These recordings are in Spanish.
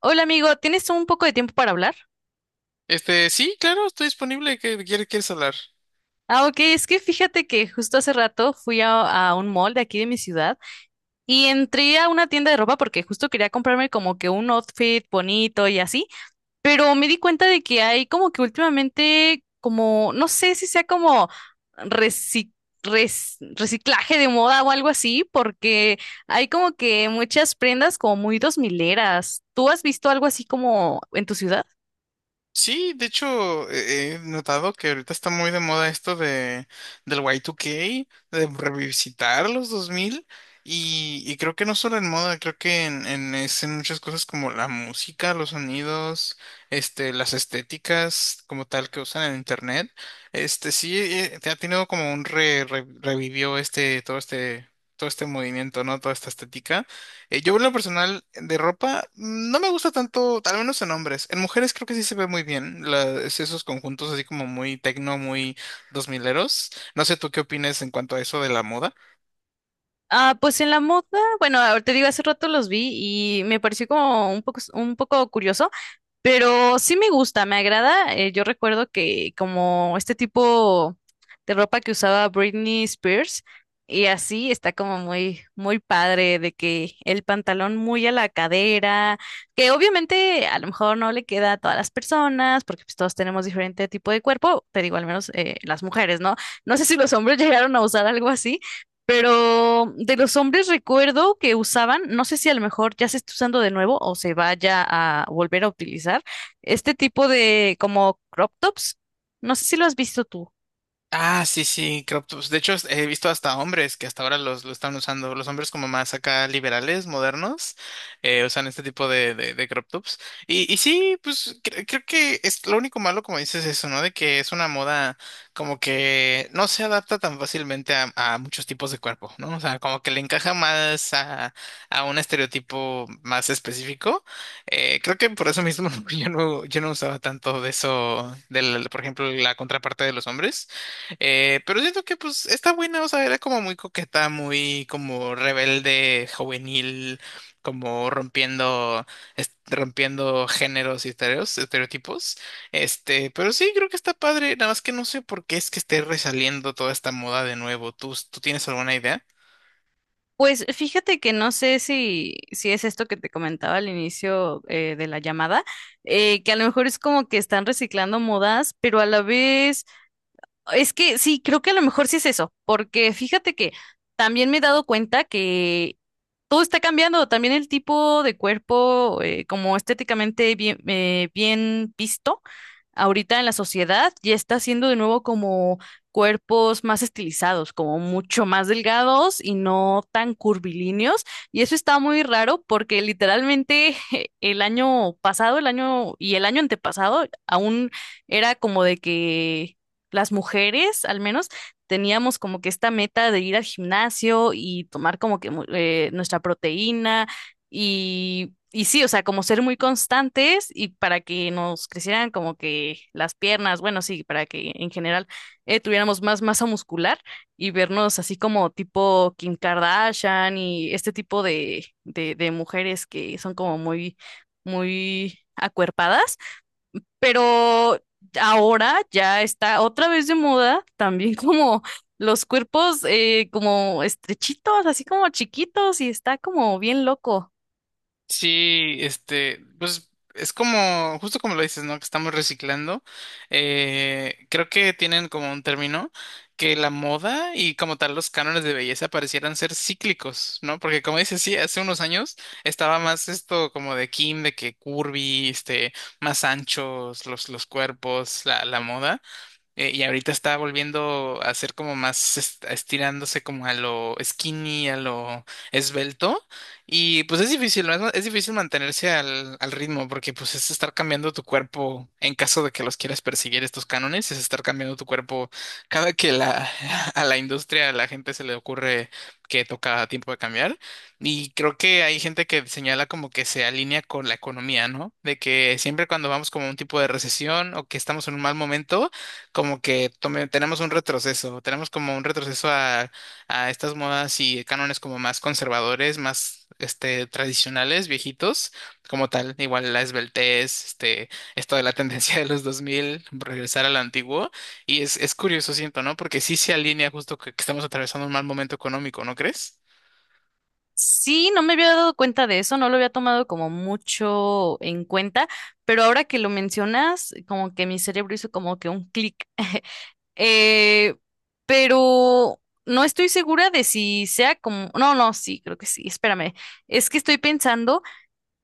Hola amigo, ¿tienes un poco de tiempo para hablar? Sí, claro, estoy disponible. ¿Qué quieres hablar? Ah, ok, es que fíjate que justo hace rato fui a un mall de aquí de mi ciudad y entré a una tienda de ropa porque justo quería comprarme como que un outfit bonito y así, pero me di cuenta de que hay como que últimamente como, no sé si sea como reci- reciclaje de moda o algo así, porque hay como que muchas prendas como muy dos mileras. ¿Tú has visto algo así como en tu ciudad? Sí, de hecho, he notado que ahorita está muy de moda esto de del Y2K, de revisitar los 2000 y creo que no solo en moda, creo que en muchas cosas como la música, los sonidos, las estéticas como tal que usan en internet. Este, sí, te ha tenido como un revivió todo este movimiento, ¿no? Toda esta estética. Yo en lo personal de ropa no me gusta tanto, al menos en hombres. En mujeres creo que sí se ve muy bien la- es esos conjuntos así como muy tecno, muy dos mileros. No sé tú qué opinas en cuanto a eso de la moda. Ah, pues en la moda, bueno, te digo, hace rato los vi y me pareció como un poco curioso, pero sí me gusta, me agrada. Yo recuerdo que como este tipo de ropa que usaba Britney Spears y así está como muy, muy padre de que el pantalón muy a la cadera, que obviamente a lo mejor no le queda a todas las personas porque pues todos tenemos diferente tipo de cuerpo, te digo, al menos las mujeres, ¿no? No sé si los hombres llegaron a usar algo así. Pero de los hombres recuerdo que usaban, no sé si a lo mejor ya se está usando de nuevo o se vaya a volver a utilizar, este tipo de como crop tops. No sé si lo has visto tú. Ah, sí, sí, Croptops. De hecho, he visto hasta hombres que hasta ahora lo están usando. Los hombres como más acá liberales, modernos, usan este tipo de crop tops. Y sí, pues creo que es lo único malo, como dices, eso, ¿no? De que es una moda como que no se adapta tan fácilmente a muchos tipos de cuerpo, ¿no? O sea, como que le encaja más a un estereotipo más específico. Creo que por eso mismo yo no usaba tanto de eso, del, por ejemplo, la contraparte de los hombres. Pero siento que pues está buena, o sea, era como muy coqueta, muy como rebelde, juvenil, como rompiendo, rompiendo géneros y estereotipos. Pero sí, creo que está padre, nada más que no sé por qué es que esté resaliendo toda esta moda de nuevo. ¿Tú tienes alguna idea? Pues fíjate que no sé si, si es esto que te comentaba al inicio de la llamada, que a lo mejor es como que están reciclando modas, pero a la vez, es que sí, creo que a lo mejor sí es eso, porque fíjate que también me he dado cuenta que todo está cambiando, también el tipo de cuerpo, como estéticamente bien, bien visto ahorita en la sociedad, ya está siendo de nuevo como cuerpos más estilizados, como mucho más delgados y no tan curvilíneos. Y eso está muy raro porque literalmente el año pasado, el año y el año antepasado, aún era como de que las mujeres, al menos, teníamos como que esta meta de ir al gimnasio y tomar como que nuestra proteína y sí, o sea, como ser muy constantes y para que nos crecieran como que las piernas, bueno, sí, para que en general tuviéramos más masa muscular y vernos así como tipo Kim Kardashian y este tipo de mujeres que son como muy, muy acuerpadas. Pero ahora ya está otra vez de moda, también como los cuerpos como estrechitos, así como chiquitos, y está como bien loco. Sí, este, pues es como, justo como lo dices, ¿no? Que estamos reciclando. Creo que tienen como un término que la moda y como tal los cánones de belleza parecieran ser cíclicos, ¿no? Porque como dices, sí, hace unos años estaba más esto como de Kim, de que curvy, este, más anchos los cuerpos, la moda. Y ahorita está volviendo a ser como más estirándose como a lo skinny, a lo esbelto. Y pues es difícil, ¿no? Es, es difícil mantenerse al ritmo porque pues es estar cambiando tu cuerpo en caso de que los quieras perseguir estos cánones, es estar cambiando tu cuerpo cada que la, a la industria, a la gente se le ocurre que toca tiempo de cambiar. Y creo que hay gente que señala como que se alinea con la economía, ¿no? De que siempre cuando vamos como a un tipo de recesión o que estamos en un mal momento, como que tenemos un retroceso, tenemos como un retroceso a estas modas y cánones como más conservadores, más este, tradicionales, viejitos, como tal, igual la esbeltez, este, esto de la tendencia de los 2000 regresar a lo antiguo, y es curioso, siento, ¿no? Porque sí se alinea justo que estamos atravesando un mal momento económico, ¿no crees? Sí, no me había dado cuenta de eso, no lo había tomado como mucho en cuenta, pero ahora que lo mencionas, como que mi cerebro hizo como que un clic. Eh, pero no estoy segura de si sea como... No, no, sí, creo que sí, espérame. Es que estoy pensando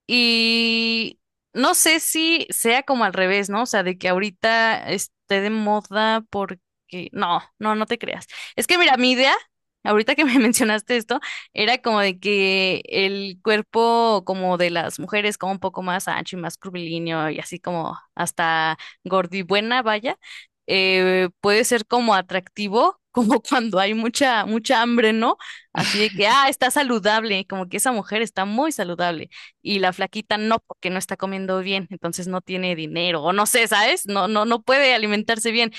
y no sé si sea como al revés, ¿no? O sea, de que ahorita esté de moda porque... No, no, no te creas. Es que mira, mi idea, ahorita que me mencionaste esto, era como de que el cuerpo como de las mujeres como un poco más ancho y más curvilíneo y así como hasta gordibuena, vaya, puede ser como atractivo. Como cuando hay mucha, mucha hambre, ¿no? Así de que, ah, está saludable, como que esa mujer está muy saludable y la flaquita no, porque no está comiendo bien, entonces no tiene dinero, o no sé, ¿sabes? No, no, no puede alimentarse bien,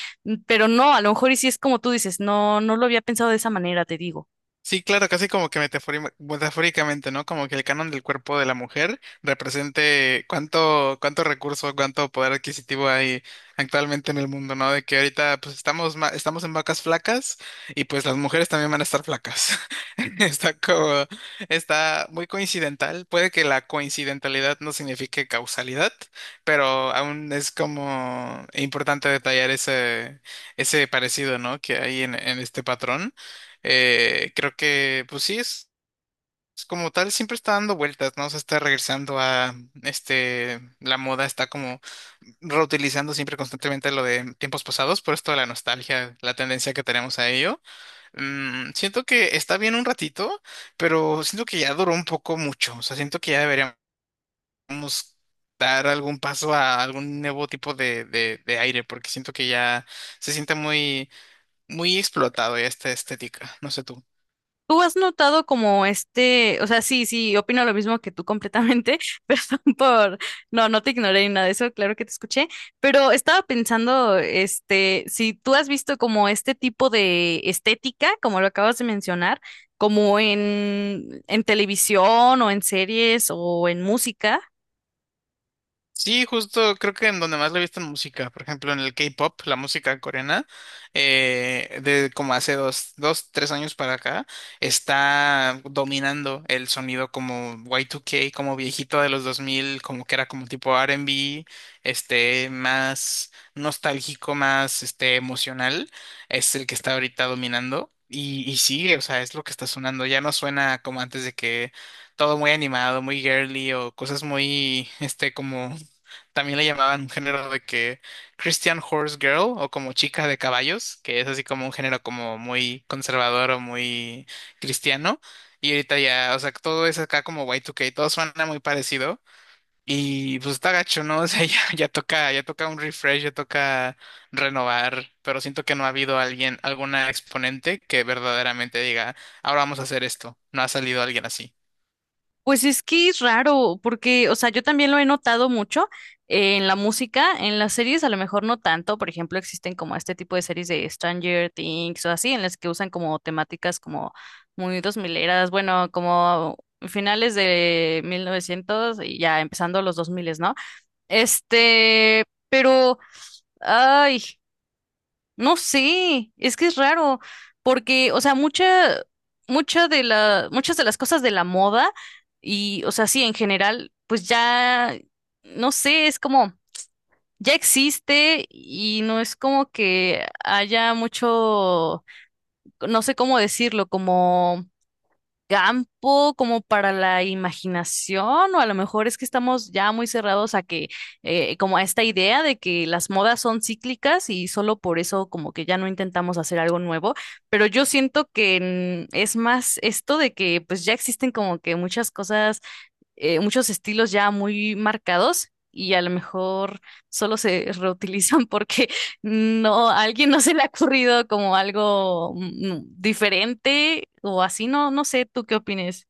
pero no, a lo mejor y si es como tú dices, no, no lo había pensado de esa manera, te digo. Sí, claro, casi como que metafóricamente, ¿no? Como que el canon del cuerpo de la mujer represente cuánto recurso, cuánto poder adquisitivo hay actualmente en el mundo, ¿no? De que ahorita pues estamos, estamos en vacas flacas y pues las mujeres también van a estar flacas. Está como, está muy coincidental. Puede que la coincidentalidad no signifique causalidad, pero aún es como importante detallar ese parecido, ¿no? Que hay en este patrón. Creo que, pues sí, es como tal, siempre está dando vueltas, ¿no? Se está regresando a, este, la moda está como reutilizando siempre constantemente lo de tiempos pasados, por esto de la nostalgia, la tendencia que tenemos a ello. Mm, siento que está bien un ratito, pero siento que ya duró un poco mucho, o sea, siento que ya deberíamos dar algún paso a algún nuevo tipo de aire, porque siento que ya se siente muy, muy explotado ya esta estética, no sé tú. ¿Tú has notado como este, o sea, sí, sí, opino lo mismo que tú completamente, perdón por, no, no te ignoré ni nada de eso, claro que te escuché, pero estaba pensando, este, si tú has visto como este tipo de estética, como lo acabas de mencionar, como en televisión o en series o en música. Sí, justo creo que en donde más lo he visto en música, por ejemplo en el K-pop, la música coreana, de como hace dos, tres años para acá, está dominando el sonido como Y2K, como viejito de los 2000, como que era como tipo R&B, este, más nostálgico, más este, emocional, es el que está ahorita dominando y sigue, o sea, es lo que está sonando, ya no suena como antes de que todo muy animado, muy girly o cosas muy, este, como también le llamaban un género de que Christian Horse Girl o como chica de caballos, que es así como un género como muy conservador o muy cristiano. Y ahorita ya, o sea, todo es acá como Y2K, todo suena muy parecido. Y pues está gacho, ¿no? O sea, ya toca un refresh, ya toca renovar, pero siento que no ha habido alguien, alguna exponente que verdaderamente diga, ahora vamos a hacer esto. No ha salido alguien así. Pues es que es raro, porque, o sea, yo también lo he notado mucho en la música, en las series a lo mejor no tanto, por ejemplo, existen como este tipo de series de Stranger Things o así, en las que usan como temáticas como muy dos mileras, bueno, como finales de 1900 y ya empezando los 2000, ¿no? Este, pero, ay, no sé, es que es raro, porque, o sea, mucha, mucha de la, muchas de las cosas de la moda y, o sea, sí, en general, pues ya, no sé, es como, ya existe y no es como que haya mucho, no sé cómo decirlo, como campo como para la imaginación, o a lo mejor es que estamos ya muy cerrados a que, como a esta idea de que las modas son cíclicas y solo por eso como que ya no intentamos hacer algo nuevo, pero yo siento que es más esto de que pues ya existen como que muchas cosas muchos estilos ya muy marcados y a lo mejor solo se reutilizan porque no, a alguien no se le ha ocurrido como algo diferente o así, no, no sé, ¿tú qué opines?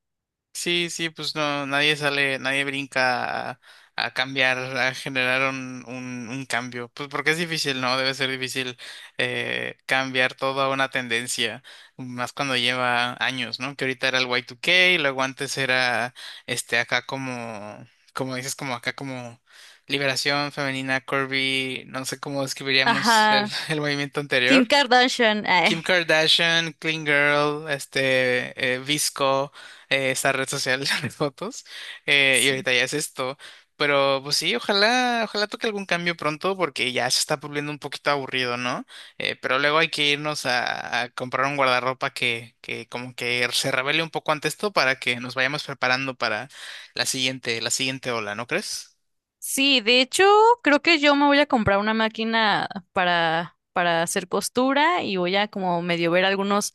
Sí, sí, pues no, nadie sale, nadie brinca a cambiar, a generar un cambio. Pues porque es difícil, ¿no? Debe ser difícil cambiar toda una tendencia, más cuando lleva años, ¿no? Que ahorita era el Y2K, y luego antes era este acá como, como dices, como acá como Liberación Femenina, Corby, no sé cómo describiríamos el, Ajá, el movimiento Kim anterior. Kardashian, ay, Kim Kardashian, Clean Girl, este, Visco, esa red social de fotos, y sí. ahorita ya es esto. Pero pues sí, ojalá, ojalá toque algún cambio pronto porque ya se está volviendo un poquito aburrido, ¿no? Pero luego hay que irnos a comprar un guardarropa que como que se revele un poco ante esto para que nos vayamos preparando para la siguiente ola, ¿no crees? Sí, de hecho, creo que yo me voy a comprar una máquina para hacer costura y voy a como medio ver algunos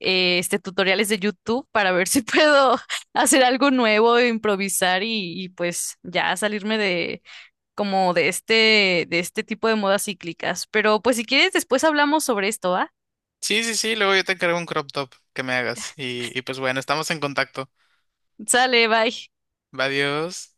tutoriales de YouTube para ver si puedo hacer algo nuevo, improvisar y pues ya salirme de como de este tipo de modas cíclicas. Pero pues si quieres, después hablamos sobre esto, ¿va? Sí, sí, sí, luego yo te encargo un crop top que me hagas y pues bueno, estamos en contacto. Sale, bye. Adiós.